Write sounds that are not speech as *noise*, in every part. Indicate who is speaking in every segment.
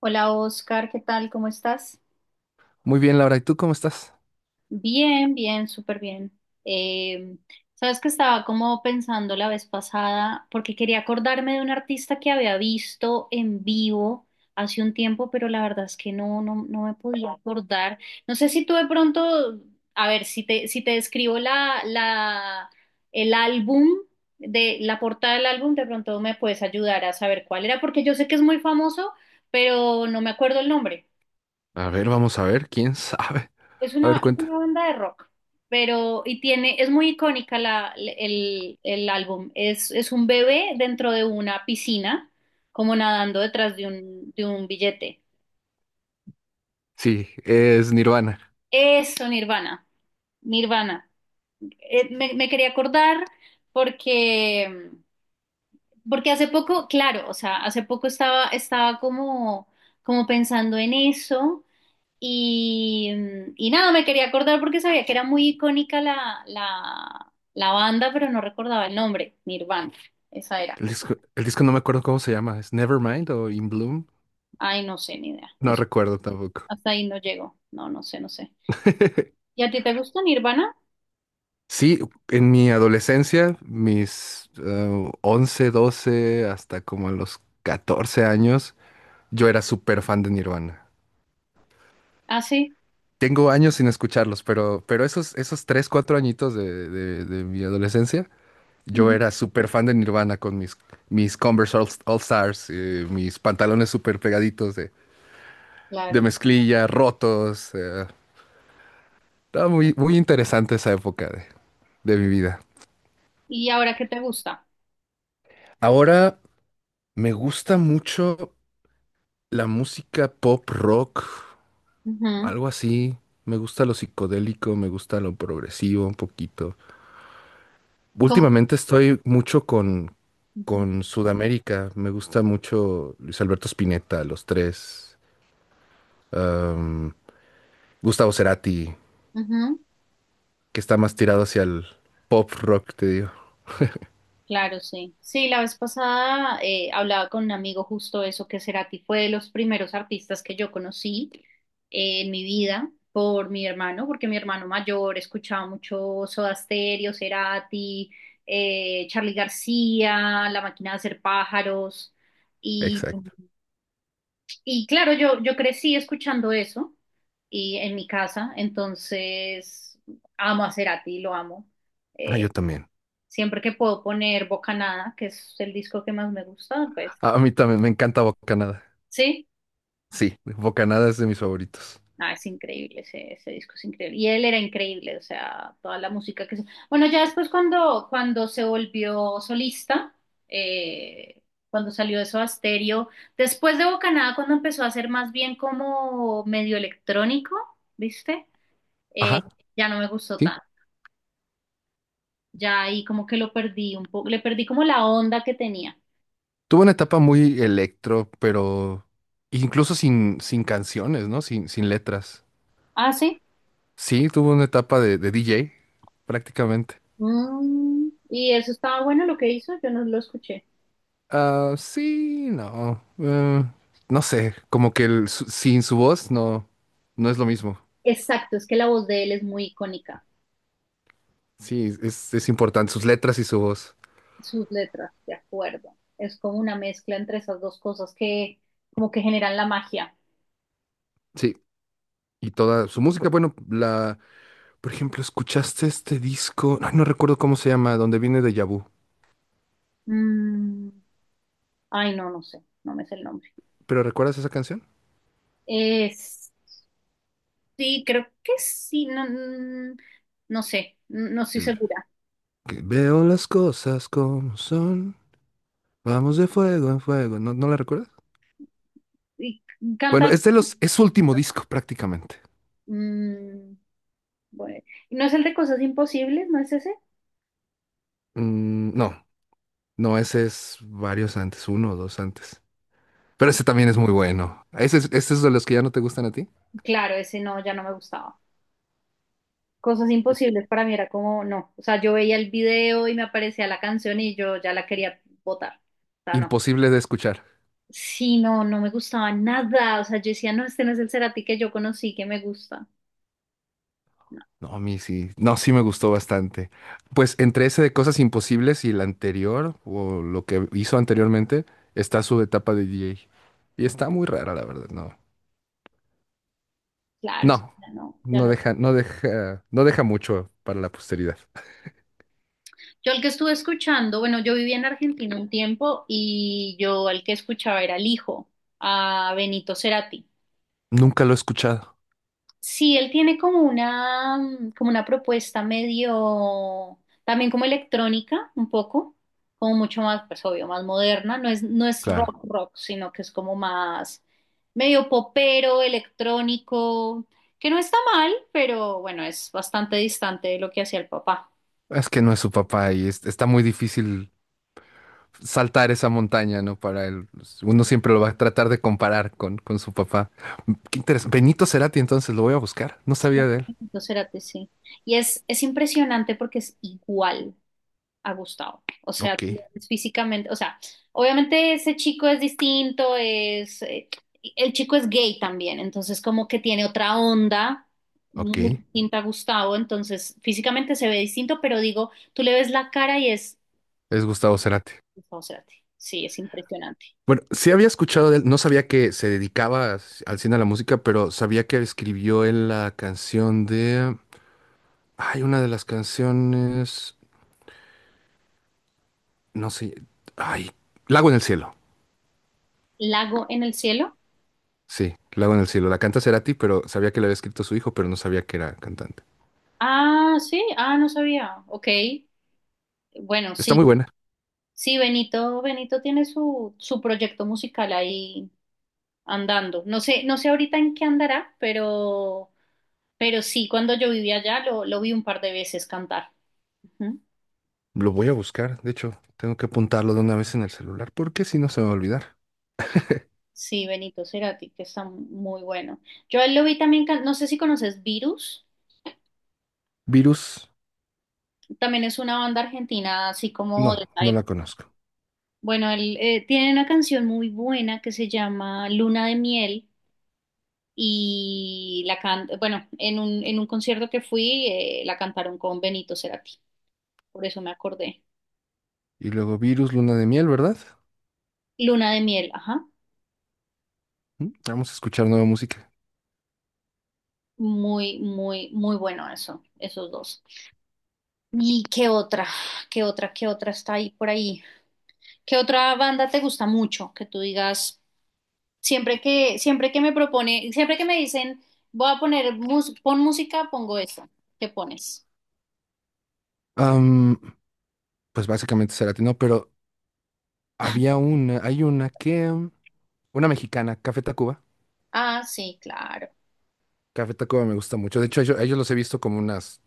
Speaker 1: Hola, Oscar, ¿qué tal? ¿Cómo estás?
Speaker 2: Muy bien, Laura, ¿y tú cómo estás?
Speaker 1: Bien, bien, súper bien. Eh, sabes que estaba como pensando la vez pasada, porque quería acordarme de un artista que había visto en vivo hace un tiempo, pero la verdad es que no me podía acordar. No sé si tú de pronto, a ver, si te describo el álbum, de la portada del álbum, de pronto me puedes ayudar a saber cuál era, porque yo sé que es muy famoso, pero no me acuerdo el nombre.
Speaker 2: A ver, vamos a ver, quién *laughs* sabe. A ver,
Speaker 1: Es
Speaker 2: cuenta.
Speaker 1: una banda de rock, pero y tiene, es muy icónica el álbum. Es un bebé dentro de una piscina, como nadando detrás de de un billete.
Speaker 2: Sí, es Nirvana.
Speaker 1: Eso, Nirvana, Nirvana. Me quería acordar porque, porque hace poco, claro, o sea, hace poco estaba como, como pensando en eso. Y, y nada, me quería acordar porque sabía que era muy icónica la banda, pero no recordaba el nombre, Nirvana, esa era.
Speaker 2: El disco no me acuerdo cómo se llama. ¿Es Nevermind o In Bloom?
Speaker 1: Ay, no sé, ni idea.
Speaker 2: No
Speaker 1: Eso,
Speaker 2: recuerdo tampoco.
Speaker 1: hasta ahí no llegó. No, no sé.
Speaker 2: *laughs*
Speaker 1: ¿Y a ti te gusta Nirvana?
Speaker 2: Sí, en mi adolescencia, mis 11, 12, hasta como a los 14 años, yo era súper fan de Nirvana.
Speaker 1: Ah, sí.
Speaker 2: Tengo años sin escucharlos, pero esos 3 4 añitos de mi adolescencia. Yo
Speaker 1: Ujú.
Speaker 2: era súper fan de Nirvana con mis Converse All Stars, mis pantalones súper pegaditos de
Speaker 1: Claro.
Speaker 2: mezclilla, rotos. Estaba muy, muy interesante esa época de mi vida.
Speaker 1: ¿Y ahora qué te gusta?
Speaker 2: Ahora me gusta mucho la música pop rock,
Speaker 1: Ujú.
Speaker 2: algo así. Me gusta lo psicodélico, me gusta lo progresivo un poquito.
Speaker 1: ¿Cómo?
Speaker 2: Últimamente estoy mucho con,
Speaker 1: Ujú.
Speaker 2: con Sudamérica. Me gusta mucho Luis Alberto Spinetta, Los Tres. um, Gustavo Cerati,
Speaker 1: Ujú.
Speaker 2: que está más tirado hacia el pop rock, te digo.
Speaker 1: Claro, sí. Sí, la vez pasada hablaba con un amigo justo eso, que Cerati fue de los primeros artistas que yo conocí en mi vida, por mi hermano, porque mi hermano mayor escuchaba mucho Soda Stereo, Cerati, Charly García, La Máquina de Hacer Pájaros. Y,
Speaker 2: Exacto.
Speaker 1: y claro, yo crecí escuchando eso y en mi casa, entonces amo a Cerati, lo amo.
Speaker 2: Ah,
Speaker 1: Eh,
Speaker 2: yo también.
Speaker 1: Siempre que puedo poner Bocanada, que es el disco que más me gusta, pues
Speaker 2: A mí también me encanta Bocanada.
Speaker 1: sí.
Speaker 2: Sí, Bocanada es de mis favoritos.
Speaker 1: Ah, es increíble, ese disco es increíble. Y él era increíble, o sea, toda la música que se... Bueno, ya después cuando se volvió solista, eh, cuando salió de Soda Stereo, después de Bocanada, cuando empezó a ser más bien como medio electrónico, ¿viste? Eh,
Speaker 2: Ajá,
Speaker 1: ya no me gustó
Speaker 2: sí.
Speaker 1: tanto. Ya ahí como que lo perdí un poco, le perdí como la onda que tenía.
Speaker 2: Tuvo una etapa muy electro, pero incluso sin canciones, ¿no? Sin letras.
Speaker 1: Ah, sí.
Speaker 2: Sí, tuvo una etapa de DJ, prácticamente.
Speaker 1: Mm, y eso estaba bueno lo que hizo, yo no lo escuché.
Speaker 2: Ah, sí, no. No sé, como que sin su voz no, no es lo mismo.
Speaker 1: Exacto, es que la voz de él es muy icónica,
Speaker 2: Sí, es importante, sus letras y su voz.
Speaker 1: sus letras, de acuerdo. Es como una mezcla entre esas dos cosas que como que generan la magia.
Speaker 2: Sí. Y toda su música, bueno, la, por ejemplo, ¿escuchaste este disco? Ay, no recuerdo cómo se llama, donde viene de Vu.
Speaker 1: Mm, ay, no sé, no me sé el nombre.
Speaker 2: ¿Pero recuerdas esa canción?
Speaker 1: Es, sí, creo que sí, no, mm, no sé, no estoy
Speaker 2: El
Speaker 1: segura.
Speaker 2: que veo las cosas como son, vamos de fuego en fuego. ¿No, no la recuerdas?
Speaker 1: Y
Speaker 2: Bueno,
Speaker 1: canta,
Speaker 2: es su último disco prácticamente.
Speaker 1: mm, bueno, ¿no es el de Cosas Imposibles? ¿No es ese?
Speaker 2: Mm, no, no, ese es varios antes, uno o dos antes. Pero ese también es muy bueno. ¿Ese es de los que ya no te gustan a ti?
Speaker 1: Claro, ese no, ya no me gustaba. Cosas
Speaker 2: Es
Speaker 1: imposibles para mí era como, no. O sea, yo veía el video y me aparecía la canción y yo ya la quería botar. O sea, no.
Speaker 2: imposible de escuchar.
Speaker 1: Sí, no me gustaba nada. O sea, yo decía, no, este no es el Cerati que yo conocí, que me gusta. No,
Speaker 2: No, a mí sí. No, sí me gustó bastante. Pues entre ese de Cosas Imposibles y el anterior, o lo que hizo anteriormente, está su etapa de DJ. Y está muy rara, la verdad, no.
Speaker 1: claro, o sea,
Speaker 2: No,
Speaker 1: ya
Speaker 2: no
Speaker 1: no.
Speaker 2: deja, no deja, no deja mucho para la posteridad.
Speaker 1: Yo el que estuve escuchando, bueno, yo viví en Argentina un tiempo y yo el que escuchaba era el hijo, a Benito Cerati.
Speaker 2: Nunca lo he escuchado.
Speaker 1: Sí, él tiene como una, mm, como una propuesta medio, también como electrónica, un poco, como mucho más, pues obvio, más moderna, no es
Speaker 2: Claro.
Speaker 1: rock rock, sino que es como más medio popero, electrónico, que no está mal, pero bueno, es bastante distante de lo que hacía el papá.
Speaker 2: Es que no es su papá y está muy difícil saltar esa montaña, ¿no? Para él. Pues, uno siempre lo va a tratar de comparar con su papá. Qué interesante. Benito Cerati, entonces lo voy a buscar. No
Speaker 1: Sí,
Speaker 2: sabía de él.
Speaker 1: entonces, Cerati, sí. Y es impresionante porque es igual a Gustavo. O sea,
Speaker 2: Ok,
Speaker 1: tú lo ves físicamente, o sea, obviamente ese chico es distinto, el chico es gay también, entonces como que tiene otra onda
Speaker 2: ok.
Speaker 1: muy distinta a Gustavo, entonces físicamente se ve distinto, pero digo, tú le ves la cara y es
Speaker 2: Es Gustavo Cerati.
Speaker 1: Gustavo Cerati. Sí, es impresionante.
Speaker 2: Bueno, sí había escuchado de él, no sabía que se dedicaba al cine a la música, pero sabía que escribió él la canción de... Hay una de las canciones, no sé, ay, Lago en el cielo.
Speaker 1: Lago en el cielo.
Speaker 2: Sí, Lago en el cielo. La canta Cerati, pero sabía que la había escrito su hijo, pero no sabía que era cantante.
Speaker 1: Ah, sí, ah, no sabía. Ok, bueno,
Speaker 2: Está muy
Speaker 1: sí.
Speaker 2: buena.
Speaker 1: Sí, Benito tiene su proyecto musical ahí andando. No sé, no sé ahorita en qué andará, pero sí, cuando yo vivía allá lo vi un par de veces cantar. Ujú.
Speaker 2: Lo voy a buscar, de hecho, tengo que apuntarlo de una vez en el celular, porque si no se me va a olvidar.
Speaker 1: Sí, Benito Cerati, que está muy bueno. Yo a él lo vi también, can- no sé si conoces Virus,
Speaker 2: Virus,
Speaker 1: también es una banda argentina, así como
Speaker 2: no,
Speaker 1: de esa
Speaker 2: no la
Speaker 1: época.
Speaker 2: conozco.
Speaker 1: Bueno, él tiene una canción muy buena que se llama Luna de Miel y la can bueno, en en un concierto que fui la cantaron con Benito Cerati, por eso me acordé.
Speaker 2: Y luego Virus, Luna de Miel, ¿verdad?
Speaker 1: Luna de Miel, ajá.
Speaker 2: Mm, vamos a escuchar nueva música.
Speaker 1: Muy, muy, muy bueno eso, esos dos. ¿Y qué otra? ¿Qué otra? ¿Qué otra está ahí por ahí? ¿Qué otra banda te gusta mucho? Que tú digas, siempre que me propone, siempre que me dicen, voy a poner, mus- pon música, pongo esta. ¿Qué pones?
Speaker 2: Pues básicamente se latino, pero hay una que, una mexicana, Café Tacuba.
Speaker 1: Ah, sí, claro.
Speaker 2: Café Tacuba me gusta mucho. De hecho, a ellos, los he visto como unas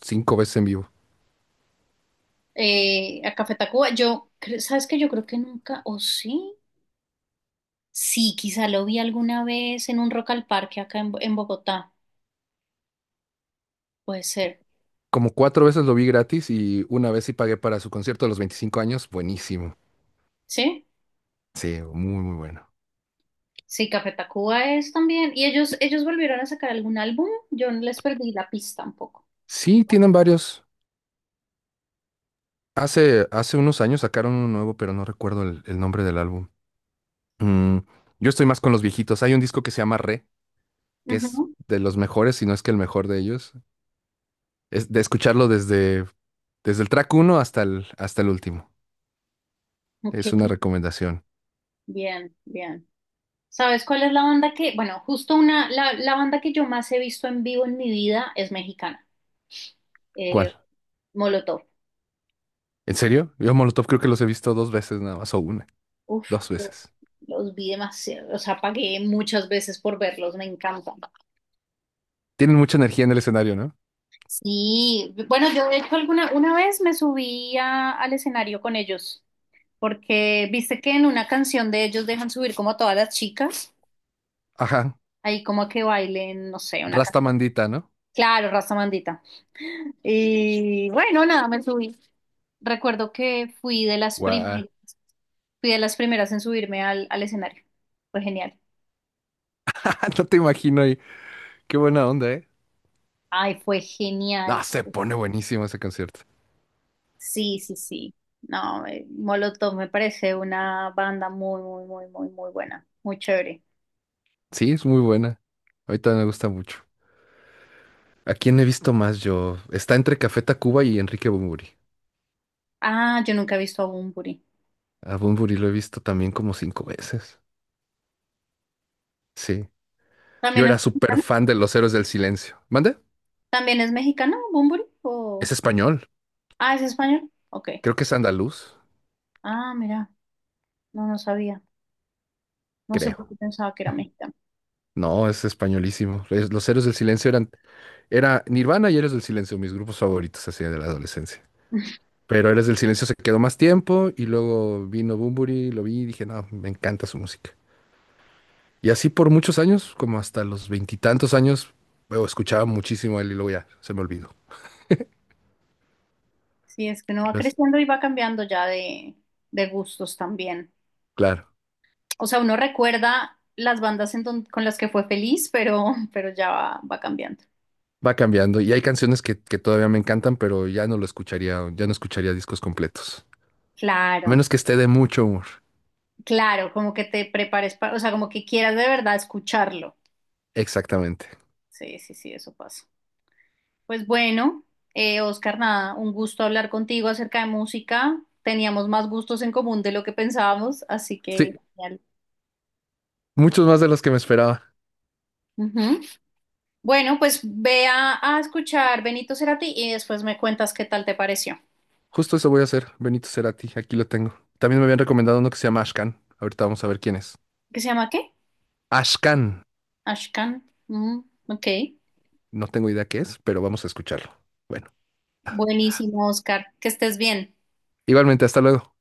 Speaker 2: cinco veces en vivo.
Speaker 1: A Café Tacuba, yo, cre- ¿sabes que yo creo que nunca, o sí, sí, quizá lo vi alguna vez en un Rock al Parque acá en, Bo- en Bogotá, puede ser,
Speaker 2: Como cuatro veces lo vi gratis y una vez sí pagué para su concierto de los 25 años. Buenísimo.
Speaker 1: ¿sí?
Speaker 2: Sí, muy, muy bueno.
Speaker 1: Sí, Café Tacuba es también. ¿Y ellos volvieron a sacar algún álbum? Yo no les perdí la pista un poco.
Speaker 2: Sí, tienen varios. Hace unos años sacaron uno nuevo, pero no recuerdo el nombre del álbum. Mm, yo estoy más con los viejitos. Hay un disco que se llama Re, que es
Speaker 1: Ujú.
Speaker 2: de los mejores, si no es que el mejor de ellos. Es de escucharlo desde el track uno hasta el último.
Speaker 1: Ok,
Speaker 2: Es una recomendación.
Speaker 1: bien, bien. ¿Sabes cuál es la banda que, bueno, justo una, la banda que yo más he visto en vivo en mi vida es mexicana, eh,
Speaker 2: ¿Cuál?
Speaker 1: Molotov.
Speaker 2: ¿En serio? Yo a Molotov creo que los he visto dos veces nada más, o una,
Speaker 1: Uf,
Speaker 2: dos veces.
Speaker 1: los vi demasiado, o sea, pagué muchas veces por verlos, me encantan.
Speaker 2: Tienen mucha energía en el escenario, ¿no?
Speaker 1: Sí, bueno, yo de hecho alguna, una vez me subí a- al escenario con ellos, porque viste que en una canción de ellos dejan subir como a todas las chicas.
Speaker 2: Ajá.
Speaker 1: Ahí como que bailen, no sé, una
Speaker 2: Rasta
Speaker 1: canción.
Speaker 2: Mandita, ¿no?
Speaker 1: Claro, raza mandita. Y bueno, nada, me subí. Recuerdo que fui de las
Speaker 2: Guau.
Speaker 1: primeras, fui de las primeras en subirme al escenario. Fue genial.
Speaker 2: *laughs* No te imagino ahí. Qué buena onda, ¿eh?
Speaker 1: Ay, fue
Speaker 2: Ah,
Speaker 1: genial.
Speaker 2: se pone buenísimo ese concierto.
Speaker 1: Sí, sí, sí. No, Molotov me parece una banda muy, muy, muy, muy, muy buena. Muy chévere.
Speaker 2: Sí, es muy buena. Ahorita me gusta mucho. ¿A quién he visto más yo? Está entre Café Tacuba y Enrique Bunbury.
Speaker 1: Ah, yo nunca he visto a Bunbury.
Speaker 2: A Bunbury lo he visto también como cinco veces. Sí. Yo
Speaker 1: ¿También es
Speaker 2: era súper
Speaker 1: mexicano?
Speaker 2: fan de Los Héroes del Silencio. ¿Mande?
Speaker 1: ¿También es mexicano, Bunbury? ¿O...
Speaker 2: Es español.
Speaker 1: Ah, ¿es español? Ok.
Speaker 2: Creo que es andaluz.
Speaker 1: Ah, mira, no, no sabía. No sé por
Speaker 2: Creo.
Speaker 1: qué pensaba que era mexicano.
Speaker 2: No, es españolísimo. Los Héroes del Silencio eran... Era Nirvana y Héroes del Silencio, mis grupos favoritos así de la adolescencia. Pero Héroes del Silencio se quedó más tiempo y luego vino Bunbury, lo vi y dije, no, me encanta su música. Y así por muchos años, como hasta los veintitantos años, luego escuchaba muchísimo a él y luego ya se me olvidó.
Speaker 1: Sí, es que uno va
Speaker 2: Entonces,
Speaker 1: creciendo y va cambiando ya de gustos también.
Speaker 2: claro,
Speaker 1: O sea, uno recuerda las bandas en don- con las que fue feliz, pero, *laughs* pero ya va, va cambiando.
Speaker 2: va cambiando. Y hay canciones que todavía me encantan, pero ya no lo escucharía, ya no escucharía discos completos. A
Speaker 1: Claro,
Speaker 2: menos que esté de mucho humor.
Speaker 1: claro, como que te prepares para, o sea, como que quieras de verdad escucharlo.
Speaker 2: Exactamente.
Speaker 1: Sí, sí, sí, eso pasa. Pues bueno, Oscar, nada, un gusto hablar contigo acerca de música. Teníamos más gustos en común de lo que pensábamos, así que
Speaker 2: Sí,
Speaker 1: genial.
Speaker 2: muchos más de los que me esperaba.
Speaker 1: Ujú. Bueno, pues ve a escuchar Benito Cerati y después me cuentas qué tal te pareció.
Speaker 2: Justo eso voy a hacer, Benito Cerati, aquí lo tengo. También me habían recomendado uno que se llama Ashkan. Ahorita vamos a ver quién es.
Speaker 1: ¿Qué se llama qué?
Speaker 2: Ashkan.
Speaker 1: Ashkan. Mm, ok.
Speaker 2: No tengo idea qué es, pero vamos a escucharlo. Bueno,
Speaker 1: Buenísimo, Oscar. Que estés bien.
Speaker 2: igualmente, hasta luego.